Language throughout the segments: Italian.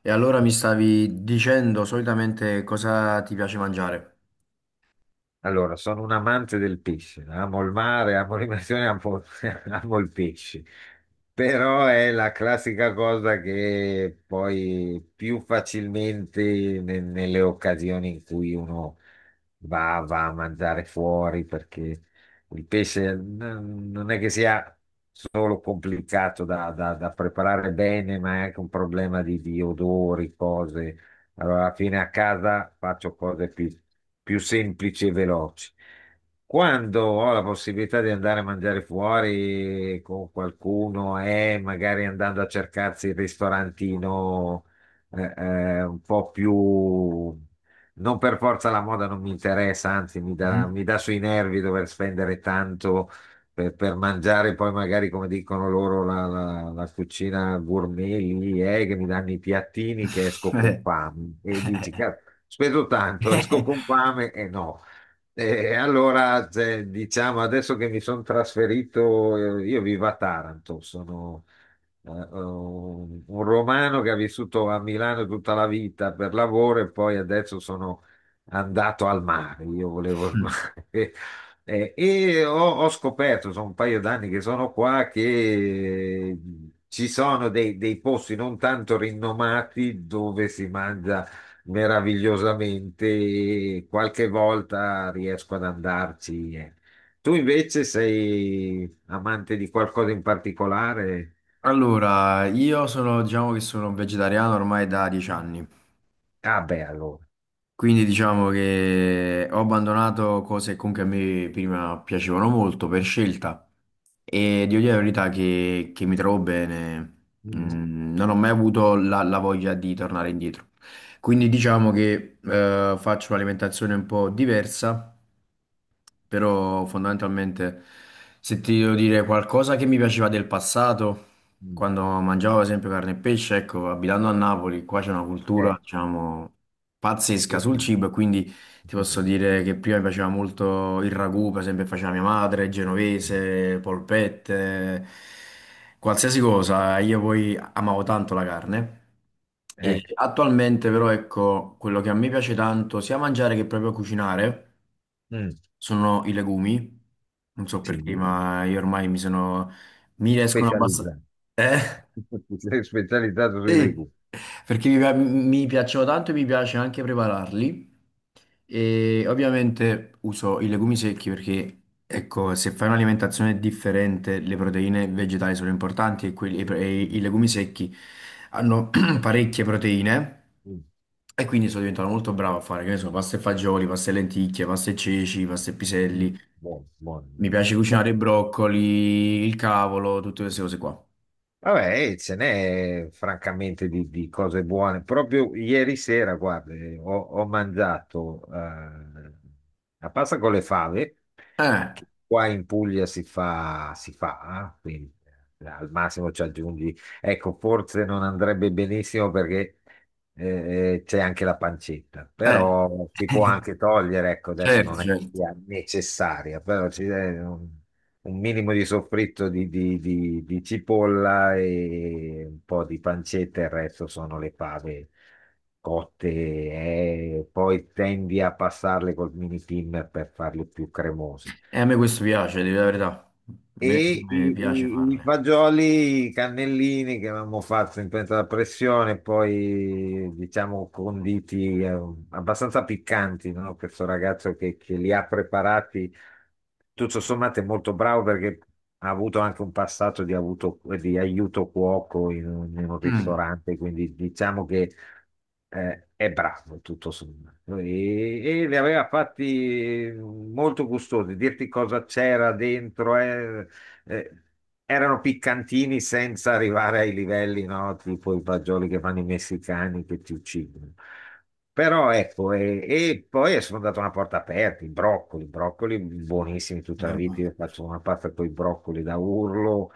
E allora mi stavi dicendo solitamente cosa ti piace mangiare? Allora, sono un amante del pesce, amo il mare, amo l'immersione, amo il pesce, però è la classica cosa che poi più facilmente nelle occasioni in cui uno va a mangiare fuori, perché il pesce non è che sia solo complicato da preparare bene, ma è anche un problema di odori, cose. Allora, alla fine a casa faccio cose più semplici e veloci. Quando ho la possibilità di andare a mangiare fuori con qualcuno e magari andando a cercarsi il ristorantino un po' più. Non per forza la moda non mi interessa, anzi mi dà, Mhm. mi dà sui nervi dover spendere tanto per mangiare poi magari come dicono loro la cucina gourmet lì, che mi danno i piattini che esco con Eh. fame e dici, "Cazzo, spendo tanto, esco con fame e no." E allora, cioè, diciamo, adesso che mi sono trasferito, io vivo a Taranto, sono eh, un un romano che ha vissuto a Milano tutta la vita per lavoro e poi adesso sono andato al mare, io volevo il mare E ho scoperto, sono un paio d'anni che sono qua, che eh, ci sono dei posti non tanto rinomati dove si mangia meravigliosamente e qualche volta riesco ad andarci. Tu invece sei amante di qualcosa in particolare? Allora, io sono, diciamo che sono vegetariano ormai da 10 anni, Ah, beh, allora. quindi diciamo che ho abbandonato cose che comunque a me prima piacevano molto per scelta e devo dire la verità che mi trovo bene. Mm, Mm, non ho mai avuto la voglia di tornare indietro. Quindi diciamo che faccio un'alimentazione un po' diversa, però fondamentalmente se ti devo dire qualcosa che mi piaceva del passato, mm, quando mangiavo ad esempio carne e pesce, ecco, abitando a Napoli, qua c'è una cultura, eh, diciamo, pazzesca sul sì. cibo, e quindi ti posso dire che prima mi piaceva molto il ragù, per esempio, che faceva mia madre, genovese, polpette, qualsiasi cosa. Io poi amavo tanto la carne. Eh, E attualmente però ecco, quello che a me piace tanto sia mangiare che proprio cucinare mm, sono i legumi. Non so perché, sì, ma io ormai mi sono... mi riescono abbastanza... specializzato. Eh? Sei specializzato sui Sì, legumi. perché mi piacciono tanto e mi piace anche prepararli. E ovviamente uso i legumi secchi perché, ecco, se fai un'alimentazione differente, le proteine vegetali sono importanti e, quelli- e i pre- e Mm, i legumi secchi hanno parecchie proteine. mm, E quindi sono diventato molto bravo a fare, che ne so, pasta e fagioli, pasta e lenticchie, pasta e ceci, pasta e mm. piselli. Buono, buono, Mi buono. piace cucinare Vabbè, i broccoli, il cavolo, tutte queste cose qua. vabbè, ce n'è francamente di cose buone. Proprio ieri sera, guarda, ho mangiato la pasta con le fave, Eh, che qua in Puglia si fa, quindi al massimo ci aggiungi. Ecco, forse non andrebbe benissimo perché c'è anche la pancetta, eh. però si può anche togliere, ecco, adesso Certo, non è che certo. sia necessaria, però ci, non- un minimo di soffritto di cipolla e un po' di pancetta, il resto sono le fave cotte e poi tendi a passarle col mini thinner per farle più cremose E a me questo piace, devo dire la verità. A me e me i, piace i- i farle. fagioli cannellini che avevamo fatto in pentola a pressione, poi diciamo conditi abbastanza piccanti, no? Questo ragazzo che li ha preparati, tutto sommato è molto bravo perché ha avuto anche un passato di aiuto cuoco in un Mm. ristorante, quindi diciamo che è bravo tutto sommato. E li aveva fatti molto gustosi, dirti cosa c'era dentro. Eh, Erano piccantini senza arrivare ai livelli, no? Tipo i fagioli che fanno i messicani che ti uccidono. Però ecco, e poi sono andato a una porta aperta, i broccoli, broccoli buonissimi tutta la vita, Allora. io faccio una pasta con i broccoli da urlo,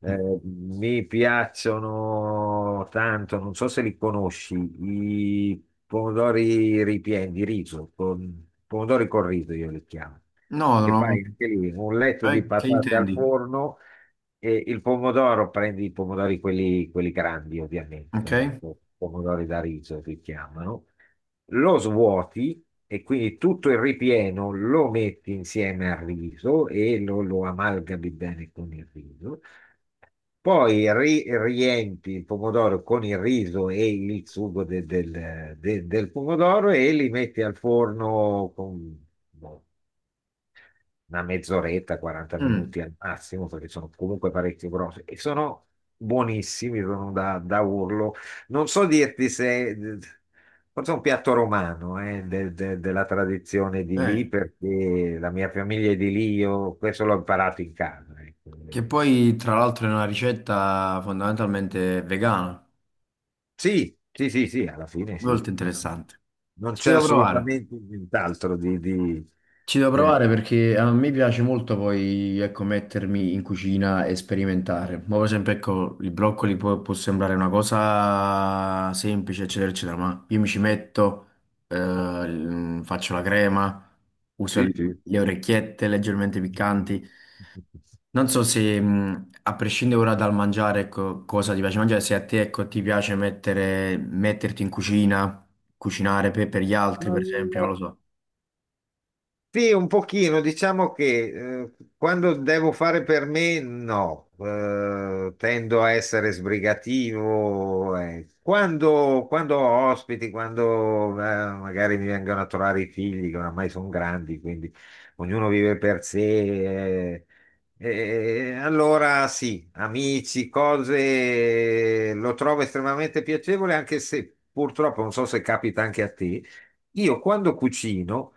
mi piacciono tanto, non so se li conosci, i pomodori ripieni di riso, pomodori col riso io li chiamo, No, no, che no. fai anche lì un letto di Che patate al intendi? forno e il pomodoro, prendi i pomodori quelli grandi ovviamente, sono Ok? Pomodori da riso si chiamano, lo svuoti e quindi tutto il ripieno lo metti insieme al riso e lo amalgami bene con il riso. Poi riempi il pomodoro con il riso e il sugo del pomodoro e li metti al forno con boh, una mezz'oretta, 40 Mm. minuti al massimo, perché sono comunque parecchio grossi e sono buonissimi, sono da urlo. Non so dirti se forse è un piatto romano, della tradizione di lì, Eh, perché la mia famiglia è di lì, io questo l'ho imparato in casa. Ecco. che poi, tra l'altro, è una ricetta fondamentalmente vegana. Sì, sì, sì, sì, alla fine sì. Molto Non, interessante. non Ci c'è devo provare. assolutamente nient'altro. Ci devo eh, provare perché a me piace molto poi, ecco, mettermi in cucina e sperimentare. Ma per esempio, ecco, i broccoli può, può sembrare una cosa semplice, eccetera, eccetera, ma io mi ci metto, l- faccio la crema, uso le sì, le orecchiette leggermente sì. piccanti. Non so se, a prescindere ora dal mangiare, ecco, cosa ti piace mangiare, se a te, ecco, ti piace mettere, metterti in cucina, cucinare per gli altri, per esempio, non lo so. Sì, un pochino, diciamo che quando devo fare per me, no, tendo a essere sbrigativo. Quando ho ospiti, quando magari mi vengono a trovare i figli, che oramai sono grandi, quindi ognuno vive per sé. eh, allora, sì, amici, cose, lo trovo estremamente piacevole, anche se purtroppo non so se capita anche a te. Io quando cucino.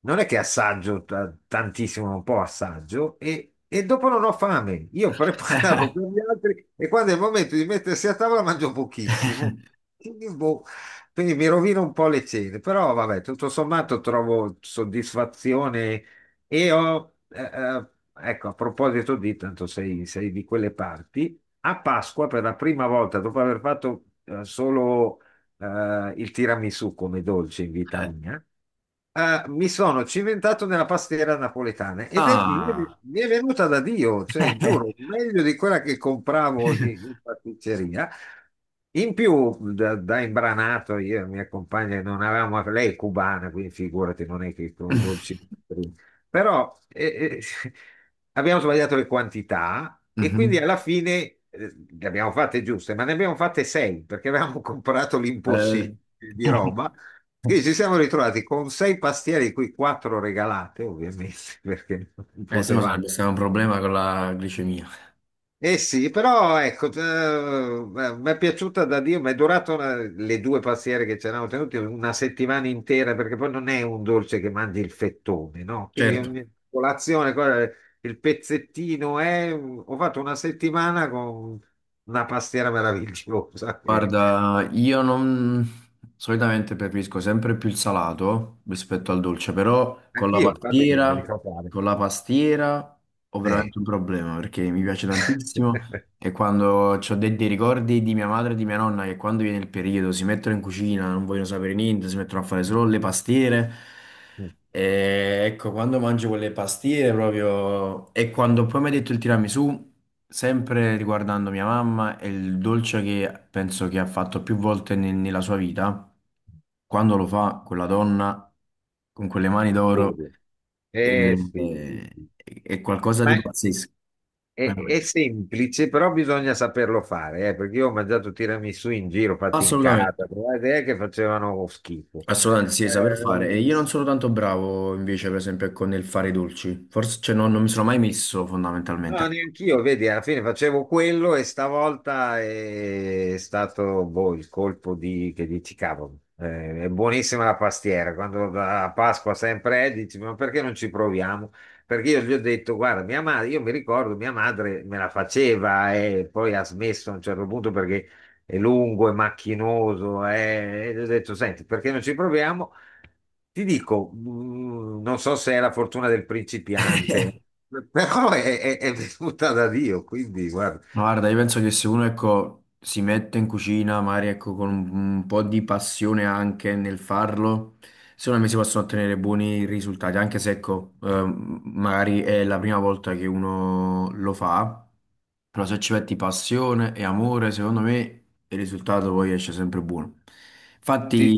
Non è che assaggio tantissimo, un po' assaggio e dopo non ho fame. Io preparo per gli altri e quando è il momento di mettersi a tavola mangio pochissimo. Boh, quindi mi rovino un po' le cene, però vabbè, tutto sommato trovo soddisfazione e ecco, a proposito di, tanto sei, di quelle parti, a Pasqua per la prima volta, dopo aver fatto solo il tiramisù come dolce in vita Eh. mia. Ah, mi sono cimentato nella pastiera napoletana mi è Ah! mi è venuta da Dio, cioè giuro, meglio di quella che compravo in, in pasticceria. In più, da imbranato, io e mia compagna non avevamo, lei è cubana, quindi figurati, non è che con i dolci. Però abbiamo sbagliato le quantità e quindi Mhm. alla fine le abbiamo fatte giuste, ma ne abbiamo fatte sei perché avevamo comprato Eh, l'impossibile di Roma, quindi ci siamo ritrovati con sei pastiere, di cui quattro regalate, ovviamente, perché non se no potevamo. sarebbe stato un problema con la glicemia. Eh sì, però ecco, mi è piaciuta da Dio, mi è durato le due pastiere che ci eravamo tenuti una settimana intera, perché poi non è un dolce che mangi il fettone, no? Quindi Certo, ogni colazione, il pezzettino è. Ho fatto una settimana con una pastiera meravigliosa. Guarda, io non solitamente preferisco sempre più il salato rispetto al dolce, però Anch'io, infatti, non mi ricordavo. con la pastiera ho Eh. veramente un problema perché mi piace tantissimo e quando ho dei, dei ricordi di mia madre e di mia nonna che quando viene il periodo si mettono in cucina, non vogliono sapere niente, si mettono a fare solo le pastiere. E ecco, quando mangio quelle pastiere proprio... E quando poi mi hai detto il tiramisù, sempre riguardando mia mamma, è il dolce che penso che ha fatto più volte nella sua vita. Quando lo fa quella donna, con quelle mani d'oro, Ovvio. è, Eh sì, sì, è- sì. è qualcosa di Ma pazzesco. è Veramente. semplice, però bisogna saperlo fare, perché io ho mangiato tiramisù in giro, fatti in Assolutamente, casa, però è che facevano schifo. assolutamente sì, saper fare. E Eh, io non sono tanto bravo invece, per esempio, con il fare i dolci. Forse, cioè, non mi sono mai messo fondamentalmente. No, neanch'io, vedi, alla fine facevo quello e stavolta è stato boh, il colpo che dici, cavolo, è buonissima la pastiera, quando a Pasqua sempre è, dici, ma perché non ci proviamo? Perché io gli ho detto, guarda, mia madre, io mi ricordo, mia madre me la faceva e poi ha smesso a un certo punto perché è lungo, è macchinoso, e gli ho detto, senti, perché non ci proviamo? Ti dico, non so se è la fortuna del principiante. Però è venuta da Dio, quindi guarda. Ma guarda, io penso che se uno, ecco, si mette in cucina, magari, ecco, con un po' di passione anche nel farlo, secondo me si possono ottenere buoni risultati, anche se, ecco, magari è la prima volta che uno lo fa, però se ci metti passione e amore, secondo me il risultato poi esce sempre buono. Sì, Infatti,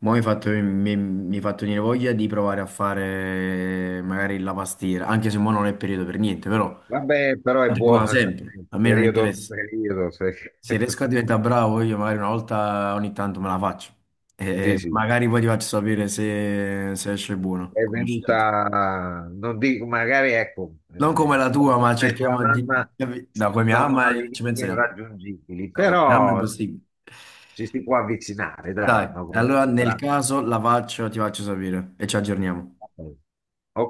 mo mi hai fatto, mi hai fatto venire voglia di provare a fare magari la pastiera, anche se mo non è periodo per niente, però... vabbè, però è La regola buona, sempre, sì, a me non periodo, interessa. periodo, sì, Se riesco a diventare bravo, io magari una volta ogni tanto me la faccio. sì, E sì, magari poi ti faccio sapere se, se esce buono, è come esce da te. venuta, non dico, magari ecco, Non come la tua tua, ma nonna e tua cerchiamo di... mamma Da come mi sono ama e ci all'inizio penserà. irraggiungibili, No, come mi ama è però impossibile. ci si può avvicinare, Dai, dai, no? Allora nel caso la faccio, ti faccio sapere e ci aggiorniamo. Ok,